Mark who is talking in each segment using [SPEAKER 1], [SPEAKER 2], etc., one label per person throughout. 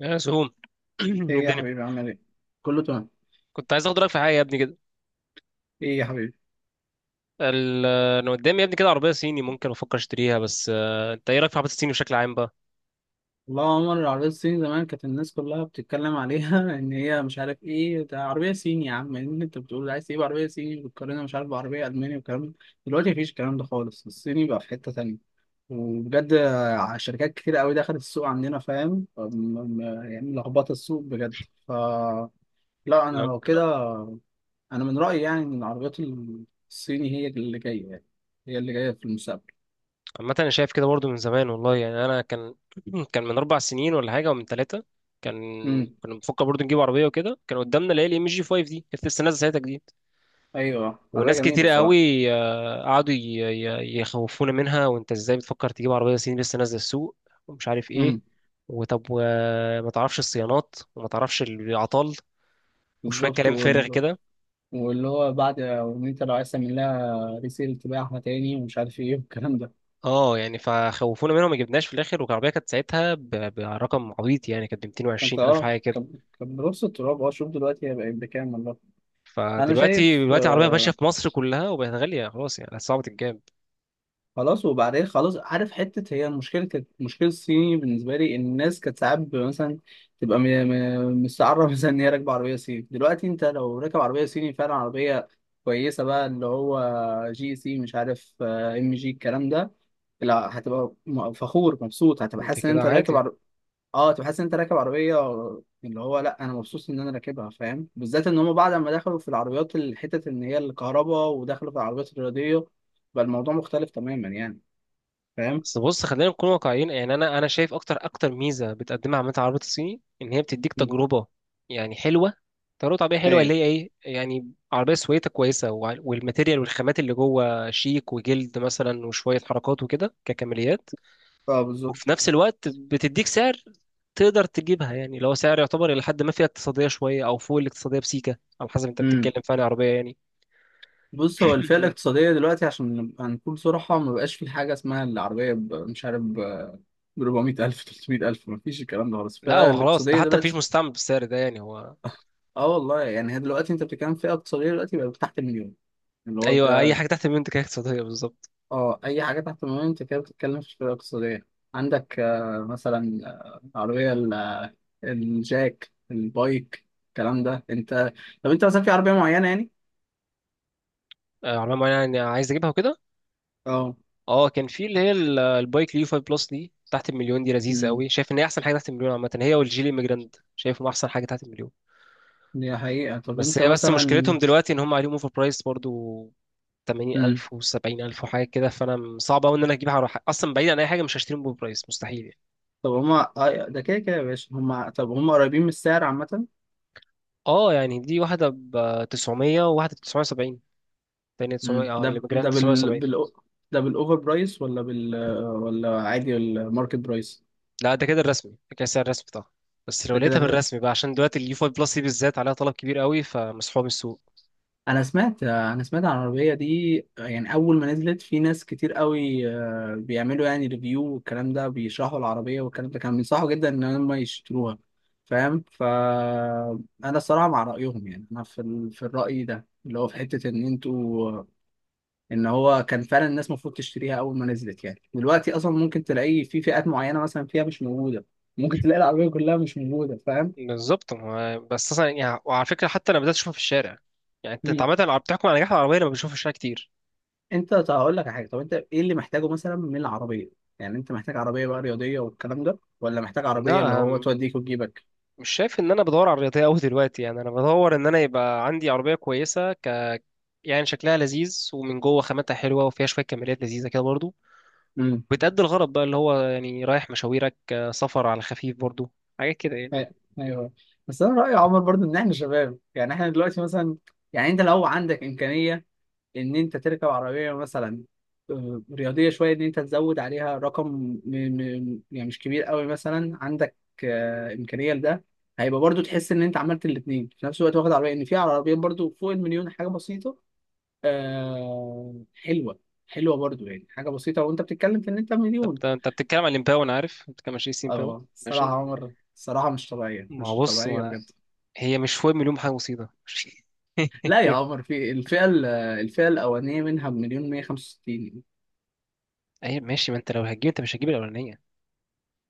[SPEAKER 1] يا سهوم
[SPEAKER 2] ايه يا
[SPEAKER 1] الدنيا.
[SPEAKER 2] حبيبي عامل ايه؟ كله تمام.
[SPEAKER 1] كنت عايز اخد رايك في حاجه يا ابني كده.
[SPEAKER 2] ايه يا حبيبي؟
[SPEAKER 1] ال- انا قدامي يا ابني كده عربيه صيني ممكن افكر اشتريها، بس انت ايه رايك في عربيات الصيني بشكل عام بقى؟
[SPEAKER 2] والله يا عمر، العربية الصيني زمان كانت الناس كلها بتتكلم عليها ان هي مش عارف ايه، ده عربية صيني يا عم، ان انت بتقول عايز تجيب عربية صيني بتقارنها مش عارف بعربية ألماني والكلام ده. دلوقتي مفيش الكلام ده خالص، الصيني بقى في حتة تانية. وبجد شركات كتير قوي دخلت السوق عندنا، فاهم؟ م- يعني لخبطة السوق بجد. لا انا
[SPEAKER 1] انا
[SPEAKER 2] لو كده، انا من رأيي يعني ان العربيات الصيني هي اللي جاية، يعني هي اللي جاية في المستقبل.
[SPEAKER 1] عامه انا شايف كده برضو من زمان والله، يعني انا كان كان من اربع سنين ولا حاجه ومن ثلاثه، كان كنا بنفكر برضو نجيب عربيه، وكده كان قدامنا اللي هي الام جي 5 دي، كانت لسه نازله ساعتها جديد.
[SPEAKER 2] ايوه حلوية
[SPEAKER 1] وناس
[SPEAKER 2] جميلة
[SPEAKER 1] كتير
[SPEAKER 2] الصراحة.
[SPEAKER 1] قوي قعدوا يخوفونا منها، وانت ازاي بتفكر تجيب عربيه صيني لسه نازله السوق ومش عارف ايه،
[SPEAKER 2] امم.
[SPEAKER 1] وطب وما تعرفش الصيانات وما تعرفش العطال وشويه
[SPEAKER 2] بالظبط
[SPEAKER 1] كلام فارغ كده.
[SPEAKER 2] واللي هو بعد، وان انت لو عايز تعمل لها ريسيل تبيعها تاني ومش عارف ايه والكلام ده.
[SPEAKER 1] اه يعني فخوفونا منهم ما جبناش في الاخر، والعربيه كانت ساعتها برقم عبيط، يعني كانت ب
[SPEAKER 2] انت
[SPEAKER 1] 220 الف
[SPEAKER 2] اه
[SPEAKER 1] حاجه كده.
[SPEAKER 2] كان بنص التراب، اه شوف دلوقتي هي بقت بكام والله. انا
[SPEAKER 1] فدلوقتي
[SPEAKER 2] شايف
[SPEAKER 1] دلوقتي العربيه ماشيه
[SPEAKER 2] آه.
[SPEAKER 1] في مصر كلها، وبقت غاليه خلاص، يعني صعبه الجاب.
[SPEAKER 2] خلاص وبعدين خلاص، عارف حتة هي المشكلة، كانت مشكلة الصيني بالنسبة لي، الناس كانت ساعات مثلا تبقى مستعرة مثلا ان هي راكبة عربية صيني. دلوقتي انت لو راكب عربية صيني فعلا عربية كويسة بقى، اللي هو جي سي مش عارف ام جي الكلام ده، لا هتبقى فخور مبسوط، هتبقى
[SPEAKER 1] انت
[SPEAKER 2] حاسس ان
[SPEAKER 1] كده
[SPEAKER 2] انت راكب
[SPEAKER 1] عادي.
[SPEAKER 2] اه هتبقى حاسس ان انت راكب عربيه، اللي هو لا انا مبسوط ان انا راكبها، فاهم؟ بالذات ان هم بعد ما دخلوا في العربيات الحتت ان هي الكهرباء، ودخلوا في العربيات الرياضيه، بقى الموضوع مختلف تماما يعني، فاهم؟
[SPEAKER 1] بس بص خلينا نكون واقعيين، يعني انا شايف اكتر اكتر ميزه بتقدمها عامه العربيات الصيني ان هي بتديك
[SPEAKER 2] مم.
[SPEAKER 1] تجربه، يعني حلوه، تجربه عربيه حلوه اللي
[SPEAKER 2] ايوه.
[SPEAKER 1] هي ايه، يعني عربيه سويتها كويسه والماتيريال والخامات اللي جوه شيك وجلد مثلا وشويه حركات وكده ككماليات.
[SPEAKER 2] اه
[SPEAKER 1] وفي
[SPEAKER 2] بالظبط.
[SPEAKER 1] نفس الوقت بتديك سعر تقدر تجيبها، يعني اللي هو سعر يعتبر الى حد ما فيها اقتصاديه شويه او فوق الاقتصاديه بسيكه، على حسب انت
[SPEAKER 2] امم.
[SPEAKER 1] بتتكلم في انهي عربيه يعني.
[SPEAKER 2] بص، هو الفئه الاقتصاديه دلوقتي عشان نبقى نكون صراحه ما بقاش في حاجه اسمها العربيه مش عارف ب 400,000 300,000، ما فيش الكلام ده خالص
[SPEAKER 1] لا
[SPEAKER 2] الفئه
[SPEAKER 1] هو خلاص، ده
[SPEAKER 2] الاقتصاديه
[SPEAKER 1] حتى مفيش
[SPEAKER 2] دلوقتي.
[SPEAKER 1] مستعمل بالسعر ده يعني هو.
[SPEAKER 2] اه والله يعني، هي دلوقتي انت بتتكلم في فئه اقتصاديه دلوقتي بقى تحت المليون، اللي هو
[SPEAKER 1] ايوه، اي
[SPEAKER 2] ده.
[SPEAKER 1] حاجه تحت المنتج هي اقتصاديه بالظبط.
[SPEAKER 2] اه اي حاجه تحت المليون انت كده بتتكلم في فئه اقتصاديه. عندك آه مثلا، عربيه الجاك البايك الكلام ده، انت طب انت مثلا في عربيه معينه يعني؟
[SPEAKER 1] عربية معينة يعني عايز اجيبها وكده.
[SPEAKER 2] اه.
[SPEAKER 1] اه كان في اللي هي البايك اليو 5 بلس دي تحت المليون، دي لذيذة
[SPEAKER 2] امم.
[SPEAKER 1] قوي، شايف ان هي احسن حاجة تحت المليون عامة، هي والجيلي ميجراند شايفهم احسن حاجة تحت المليون.
[SPEAKER 2] دي حقيقه. طب
[SPEAKER 1] بس
[SPEAKER 2] انت
[SPEAKER 1] هي بس
[SPEAKER 2] مثلا؟
[SPEAKER 1] مشكلتهم دلوقتي ان هم عليهم اوفر برايس برضو
[SPEAKER 2] امم.
[SPEAKER 1] 80000 و70000 ألف وحاجة كده. فانا صعب قوي ان انا اجيبها على حاجة. اصلا بعيد عن اي حاجة مش هشتريهم باوفر برايس، مستحيل يعني.
[SPEAKER 2] طب هما آه ده كده كده يا باشا، هما طب هما قريبين من السعر عامه؟
[SPEAKER 1] اه يعني دي واحدة ب 900 وواحدة ب 970. تانية
[SPEAKER 2] امم.
[SPEAKER 1] 900 اه
[SPEAKER 2] ده
[SPEAKER 1] اللي
[SPEAKER 2] ده
[SPEAKER 1] ميجراند 970.
[SPEAKER 2] ده بالاوفر برايس ولا بال آه، ولا عادي الماركت برايس؟
[SPEAKER 1] لا ده كده الرسمي، ده كده سعر الرسمي طبعا. بس لو
[SPEAKER 2] ده
[SPEAKER 1] لقيتها
[SPEAKER 2] كده.
[SPEAKER 1] بالرسمي بقى، عشان دلوقتي اليو 5 بلس دي بالذات عليها طلب كبير قوي فمسحوبه من السوق.
[SPEAKER 2] انا سمعت عن العربيه دي، يعني اول ما نزلت في ناس كتير قوي بيعملوا يعني ريفيو والكلام ده، بيشرحوا العربيه والكلام ده، كانوا بينصحوا جدا ان هم يشتروها، فاهم؟ فانا الصراحه مع رايهم يعني، انا في في الراي ده اللي هو في حته ان انتوا، ان هو كان فعلا الناس المفروض تشتريها اول ما نزلت. يعني دلوقتي اصلا ممكن تلاقي في فئات معينه مثلا فيها مش موجوده، ممكن تلاقي العربيه كلها مش موجوده، فاهم؟
[SPEAKER 1] بالظبط. بس اصلا يعني، وعلى فكره حتى انا بدات اشوفها في الشارع. يعني انت عامه لو بتحكم على نجاح العربيه لما بشوفها في الشارع كتير.
[SPEAKER 2] انت طب هقول لك على حاجه، طب انت ايه اللي محتاجه مثلا من العربيه؟ يعني انت محتاج عربيه بقى رياضيه والكلام ده، ولا محتاج عربيه اللي
[SPEAKER 1] لا
[SPEAKER 2] هو توديك وتجيبك؟
[SPEAKER 1] مش شايف ان انا بدور على الرياضيه قوي دلوقتي، يعني انا بدور ان انا يبقى عندي عربيه كويسه ك، يعني شكلها لذيذ ومن جوه خاماتها حلوه وفيها شويه كماليات لذيذه كده برضو.
[SPEAKER 2] امم.
[SPEAKER 1] بتأدي الغرض بقى اللي هو يعني رايح مشاويرك، سفر على خفيف برضو، حاجات كده يعني.
[SPEAKER 2] أي- ايوه. بس انا رايي يا عمر برضو ان احنا شباب، يعني احنا دلوقتي مثلا، يعني انت لو عندك امكانيه ان انت تركب عربيه مثلا رياضيه شويه، ان انت تزود عليها رقم يعني مش كبير قوي، مثلا عندك امكانيه لده، هيبقى برضو تحس ان انت عملت الاثنين في نفس الوقت، واخد عربيه ان في عربيات برضو فوق المليون حاجه بسيطه آه حلوة، حلوة برضو يعني، حاجة بسيطة وانت بتتكلم في ان انت مليون.
[SPEAKER 1] انت بتتكلم عن الامباو، انا عارف انت بتتكلم عن شيسي امباو.
[SPEAKER 2] اه الصراحة
[SPEAKER 1] ماشي.
[SPEAKER 2] يا عمر، الصراحة مش طبيعية،
[SPEAKER 1] ما هو
[SPEAKER 2] مش
[SPEAKER 1] بص،
[SPEAKER 2] طبيعية
[SPEAKER 1] ما
[SPEAKER 2] بجد.
[SPEAKER 1] هي مش فوق مليون حاجه مصيبه ماشي.
[SPEAKER 2] لا يا عمر، في الفئة الفئة الأولانية منها بمليون مية خمسة وستين.
[SPEAKER 1] اي ماشي، ما انت لو هتجيب انت مش هتجيب الاولانيه.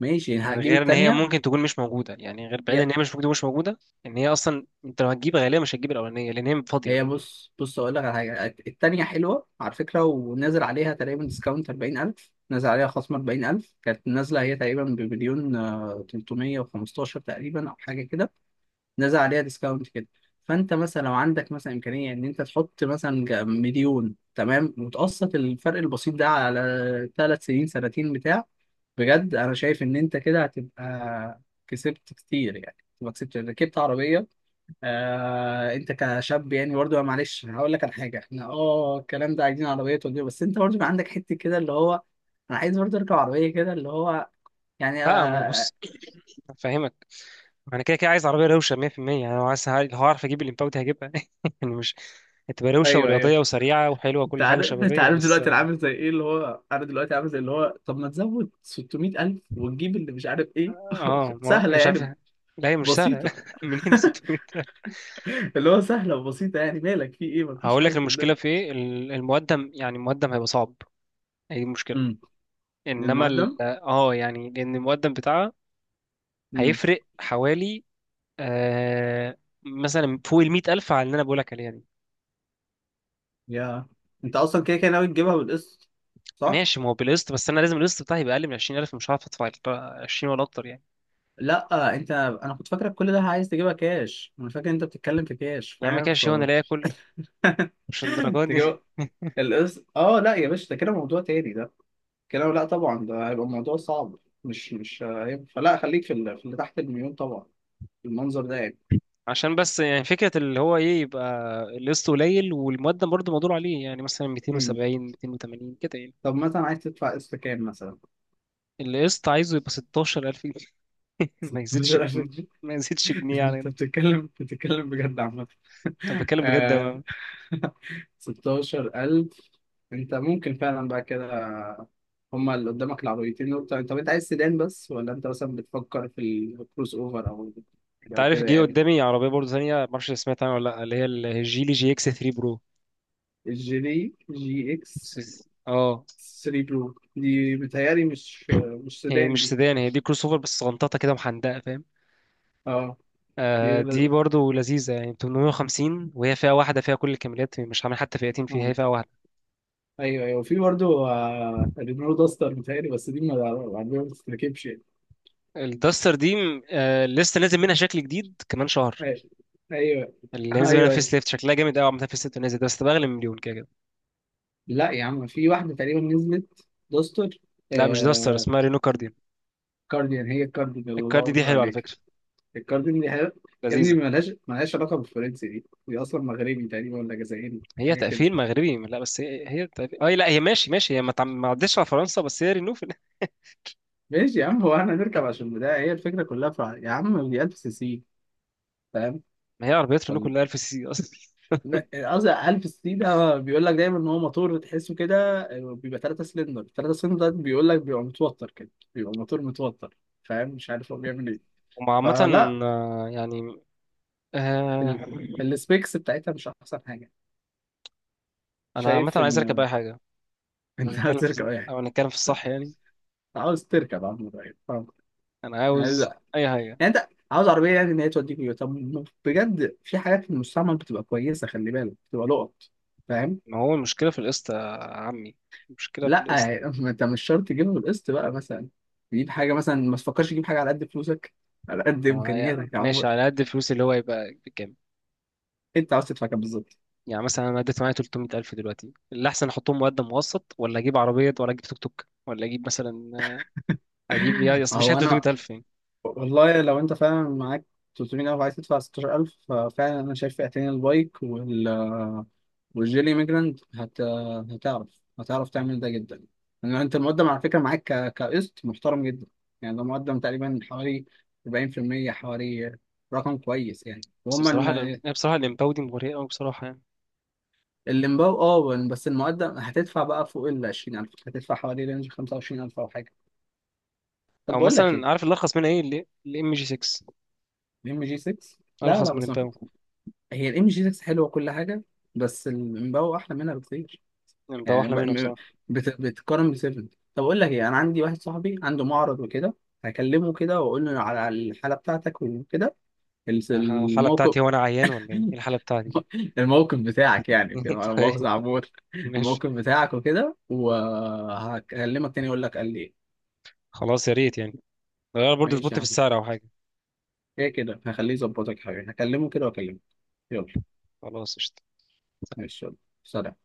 [SPEAKER 2] ماشي، يعني هجيب
[SPEAKER 1] غير ان هي
[SPEAKER 2] التانية.
[SPEAKER 1] ممكن تكون مش موجوده، يعني غير بعيد ان
[SPEAKER 2] يا-
[SPEAKER 1] هي مش موجوده، مش موجوده. ان هي اصلا انت لو هتجيب غالبا مش هتجيب الاولانيه لان هي فاضيه.
[SPEAKER 2] هي بص بص أقول لك على حاجة، التانية حلوة على فكرة، ونازل عليها تقريبا ديسكاونت 40,000، نازل عليها خصم 40,000، كانت نازلة هي تقريبا بمليون تلتمية وخمستاشر تقريبا أو حاجة كده، نازل عليها ديسكاونت كده. فانت مثلا لو عندك مثلا امكانيه ان انت تحط مثلا مليون تمام وتقسط الفرق البسيط ده على ثلاث سنين سنتين بتاع، بجد انا شايف ان انت كده هتبقى كسبت كتير يعني، تبقى كسبت ركبت عربيه. آه انت كشاب يعني برضه، معلش هقول لك على حاجه، احنا اه الكلام ده عايزين عربيه توديه، بس انت برضه بيبقى عندك حته كده اللي هو انا عايز برضه اركب عربيه كده اللي هو، يعني
[SPEAKER 1] لا ما هو
[SPEAKER 2] آه.
[SPEAKER 1] بص، فاهمك. ما انا كده كده عايز عربيه روشه 100%. يعني لو عايز، لو هعرف اجيب الامباو دي هجيبها يعني مش، هتبقى روشه
[SPEAKER 2] ايوه ايوه.
[SPEAKER 1] ورياضيه وسريعه وحلوه
[SPEAKER 2] انت
[SPEAKER 1] وكل حاجه
[SPEAKER 2] عارف انت
[SPEAKER 1] شبابيه
[SPEAKER 2] عارف
[SPEAKER 1] بس.
[SPEAKER 2] دلوقتي انا عامل زي ايه اللي هو، انا دلوقتي عامل زي اللي هو طب ما تزود 600,000 وتجيب اللي مش عارف ايه
[SPEAKER 1] اه ما يعني
[SPEAKER 2] سهله
[SPEAKER 1] مش عارف.
[SPEAKER 2] يعني.
[SPEAKER 1] لا هي مش سهله.
[SPEAKER 2] بسيطه
[SPEAKER 1] منين ال 600 ده؟
[SPEAKER 2] اللي هو سهله وبسيطه يعني، مالك في ايه، مفيش
[SPEAKER 1] هقول
[SPEAKER 2] حاجه
[SPEAKER 1] لك
[SPEAKER 2] في
[SPEAKER 1] المشكله
[SPEAKER 2] الدنيا.
[SPEAKER 1] في ايه، المقدم، يعني المقدم هيبقى صعب. هي دي المشكله.
[SPEAKER 2] امم.
[SPEAKER 1] انما
[SPEAKER 2] للمقدم.
[SPEAKER 1] ال... اه يعني لان المقدم بتاعها
[SPEAKER 2] امم.
[SPEAKER 1] هيفرق حوالي آه مثلا فوق ال 100000 على اللي انا بقول لك عليها دي.
[SPEAKER 2] يا انت اصلا كده كده ناوي تجيبها بالقسط صح؟
[SPEAKER 1] ماشي، ما هو بالقسط، بس انا لازم القسط بتاعي يبقى اقل من 20000. مش هعرف ادفع ال 20 ولا اكتر يعني.
[SPEAKER 2] لا انت، انا كنت فاكرك كل ده عايز تجيبها كاش، انا فاكر انت بتتكلم في كاش
[SPEAKER 1] يا عم
[SPEAKER 2] فاهم؟
[SPEAKER 1] كده شيء وانا لا اكل. مش الدرجات دي.
[SPEAKER 2] تجيبها القسط؟ اه لا يا باشا، ده كده موضوع تاني ده، كده لا طبعا، ده هيبقى الموضوع صعب مش هيبقى، فلا خليك في اللي، في اللي تحت المليون طبعا، المنظر ده يعني.
[SPEAKER 1] عشان بس يعني فكرة اللي هو ايه، يبقى القسط قليل والمقدم برضه مقدور عليه، يعني مثلا
[SPEAKER 2] مم.
[SPEAKER 1] 270 280 كده يعني.
[SPEAKER 2] طب مثلا عايز تدفع قسط كام مثلا؟
[SPEAKER 1] القسط عايزه يبقى 16000 جنيه. ما يزيدش
[SPEAKER 2] 16000
[SPEAKER 1] جنيه،
[SPEAKER 2] جنيه
[SPEAKER 1] ما يزيدش جنيه يعني.
[SPEAKER 2] انت بتتكلم بجد عامة
[SPEAKER 1] انا بتكلم بجد
[SPEAKER 2] آه، 16,000. انت ممكن فعلا بقى كده، هما اللي قدامك العربيتين دول. طب انت عايز سيدان بس ولا انت مثلا بتفكر في الكروس اوفر، او
[SPEAKER 1] انت
[SPEAKER 2] او
[SPEAKER 1] عارف
[SPEAKER 2] كده
[SPEAKER 1] جه
[SPEAKER 2] يعني؟
[SPEAKER 1] قدامي عربية برضه ثانية ما اعرفش سمعت عنها ولا لا، اللي هي الجيلي جي اكس 3 برو.
[SPEAKER 2] الجي دي جي اكس
[SPEAKER 1] اه،
[SPEAKER 2] 3 بلو دي بتهيألي مش، مش
[SPEAKER 1] هي
[SPEAKER 2] سيدان
[SPEAKER 1] مش
[SPEAKER 2] دي.
[SPEAKER 1] سيدان، هي دي كروس اوفر بس غنططة كده محندقة فاهم.
[SPEAKER 2] اه. دي
[SPEAKER 1] آه دي
[SPEAKER 2] لا-
[SPEAKER 1] برضه لذيذة يعني 850، وهي فئة واحدة فيها كل الكاميرات، مش عامل حتى فئتين فيها، هي
[SPEAKER 2] اه.
[SPEAKER 1] فئة واحدة.
[SPEAKER 2] ايوه ايوه، في برضه رينو داستر بتهيألي، بس دي ما العربية ما بتتركبش يعني.
[SPEAKER 1] الداستر دي لسه نازل منها شكل جديد كمان شهر.
[SPEAKER 2] ايوه ايوه.
[SPEAKER 1] اللي هينزل منها
[SPEAKER 2] ايوه أيوة.
[SPEAKER 1] فيس ليفت شكلها جامد قوي عامة. فيس ليفت نازل ده بس بأغلى من مليون كده كده.
[SPEAKER 2] لا يا عم، في واحدة تقريبا نزلت داستر
[SPEAKER 1] لا مش داستر،
[SPEAKER 2] آه،
[SPEAKER 1] اسمها رينو كارديان.
[SPEAKER 2] كارديان، هي الكارديان الله
[SPEAKER 1] الكاردي دي
[SPEAKER 2] اكبر
[SPEAKER 1] حلوة على
[SPEAKER 2] عليك.
[SPEAKER 1] فكرة،
[SPEAKER 2] الكارديان دي حاجة- يا ابني،
[SPEAKER 1] لذيذة.
[SPEAKER 2] ملهاش علاقة بالفرنسي، دي اصلا مغربي تقريبا ولا جزائري،
[SPEAKER 1] هي
[SPEAKER 2] حاجة كده.
[SPEAKER 1] تقفيل مغربي، لا بس هي تقفيل اي، لا هي ماشي ماشي، هي ما عدتش على فرنسا، بس هي رينو في
[SPEAKER 2] ماشي يا عم، هو احنا نركب عشان بدا هي الفكرة كلها في يا عم، دي 1000 سي سي، فاهم؟
[SPEAKER 1] ما هي عربيات رينو
[SPEAKER 2] ولا
[SPEAKER 1] كلها 1000 سي سي اصلا.
[SPEAKER 2] لا، قصدي ألف سي ده بيقول لك دايما إن هو موتور تحسه كده بيبقى تلاتة سلندر تلاتة سلندر، ده بيقول لك بيبقى متوتر كده، بيبقى موتور متوتر، فاهم؟ مش عارف هو بيعمل إيه.
[SPEAKER 1] وعامة
[SPEAKER 2] فلا
[SPEAKER 1] يعني آه،
[SPEAKER 2] ال... السبيكس بتاعتها مش أحسن حاجة،
[SPEAKER 1] انا عامة
[SPEAKER 2] شايف إن
[SPEAKER 1] عايز اركب اي حاجة. لو
[SPEAKER 2] أنت عاوز
[SPEAKER 1] هنتكلم
[SPEAKER 2] تركب
[SPEAKER 1] في،
[SPEAKER 2] أي حاجة.
[SPEAKER 1] الصح يعني،
[SPEAKER 2] أنت عاوز تركب عم، فاهم؟
[SPEAKER 1] انا
[SPEAKER 2] يعني
[SPEAKER 1] عاوز
[SPEAKER 2] لا.
[SPEAKER 1] اي حاجة.
[SPEAKER 2] يعني أنت عاوز عربية يعني إن هي توديك، طب بجد في حاجات في المستعمل بتبقى كويسة، خلي بالك بتبقى لقط، فاهم؟
[SPEAKER 1] ما هو المشكلة في القسط يا عمي، المشكلة في
[SPEAKER 2] لا
[SPEAKER 1] القسط.
[SPEAKER 2] ما انت مش شرط تجيبها بالقسط بقى، مثلا تجيب حاجه مثلا، ما تفكرش تجيب حاجه على قد فلوسك، على قد
[SPEAKER 1] معايا،
[SPEAKER 2] امكانياتك يا
[SPEAKER 1] ماشي
[SPEAKER 2] عمر.
[SPEAKER 1] على قد الفلوس اللي هو يبقى بكام.
[SPEAKER 2] انت عاوز تدفع كام بالظبط؟
[SPEAKER 1] يعني مثلا انا اديت معايا 300000 ألف دلوقتي، اللي احسن احطهم مقدم مقسط ولا اجيب عربيه ولا اجيب توك توك ولا اجيب مثلا اجيب، يا اصل مفيش حاجه
[SPEAKER 2] هو انا
[SPEAKER 1] 300000 ألف يعني.
[SPEAKER 2] والله لو انت فعلا معاك 300,000 وعايز تدفع 16,000 ففعلا انا شايف فئتين، البايك والجيلي ميجراند هتعرف هتعرف تعمل ده جدا، لان انت المقدم على فكره معاك كقسط محترم جدا، يعني ده مقدم تقريبا حوالي 40%، حوالي رقم كويس يعني.
[SPEAKER 1] بس
[SPEAKER 2] وهم
[SPEAKER 1] بصراحه أنا بصراحه الامباو دي مغريه قوي بصراحه يعني.
[SPEAKER 2] الليمباو، اه بس المقدم هتدفع بقى فوق ال 20,000، هتدفع حوالي رينج 25,000 او حاجه. طب
[SPEAKER 1] او
[SPEAKER 2] بقول لك ايه،
[SPEAKER 1] مثلا عارف اللي ارخص منها ايه؟ الام جي 6
[SPEAKER 2] الام جي 6. لا لا،
[SPEAKER 1] ارخص من
[SPEAKER 2] بس ما في،
[SPEAKER 1] الامباو.
[SPEAKER 2] هي الام جي 6 حلوه كل حاجه، بس الليمباو احلى منها بكتير،
[SPEAKER 1] الامباو
[SPEAKER 2] يعني
[SPEAKER 1] احلى منها بصراحه.
[SPEAKER 2] بتقارن ب 7. طب اقول لك ايه، انا عندي واحد صاحبي عنده معرض وكده، هكلمه كده واقول له على على الحاله بتاعتك وكده،
[SPEAKER 1] الحاله
[SPEAKER 2] الموقف.
[SPEAKER 1] بتاعتي، هو انا عيان ولا ايه؟ إيه الحاله بتاعتي دي؟
[SPEAKER 2] الموقف بتاعك يعني كده، على مؤاخذه
[SPEAKER 1] طيب
[SPEAKER 2] عمور،
[SPEAKER 1] ماشي.
[SPEAKER 2] الموقف بتاعك وكده، وهكلمك تاني اقول لك قال لي ايه.
[SPEAKER 1] خلاص يا ريت يعني، غير برضه
[SPEAKER 2] ماشي
[SPEAKER 1] ظبطت
[SPEAKER 2] يا
[SPEAKER 1] في
[SPEAKER 2] عم،
[SPEAKER 1] السعر او حاجه.
[SPEAKER 2] كده كده هخليه يظبطك حاجة، هكلمه كده واكلمه، يلا.
[SPEAKER 1] خلاص قشطة.
[SPEAKER 2] ماشي يلا، سلام.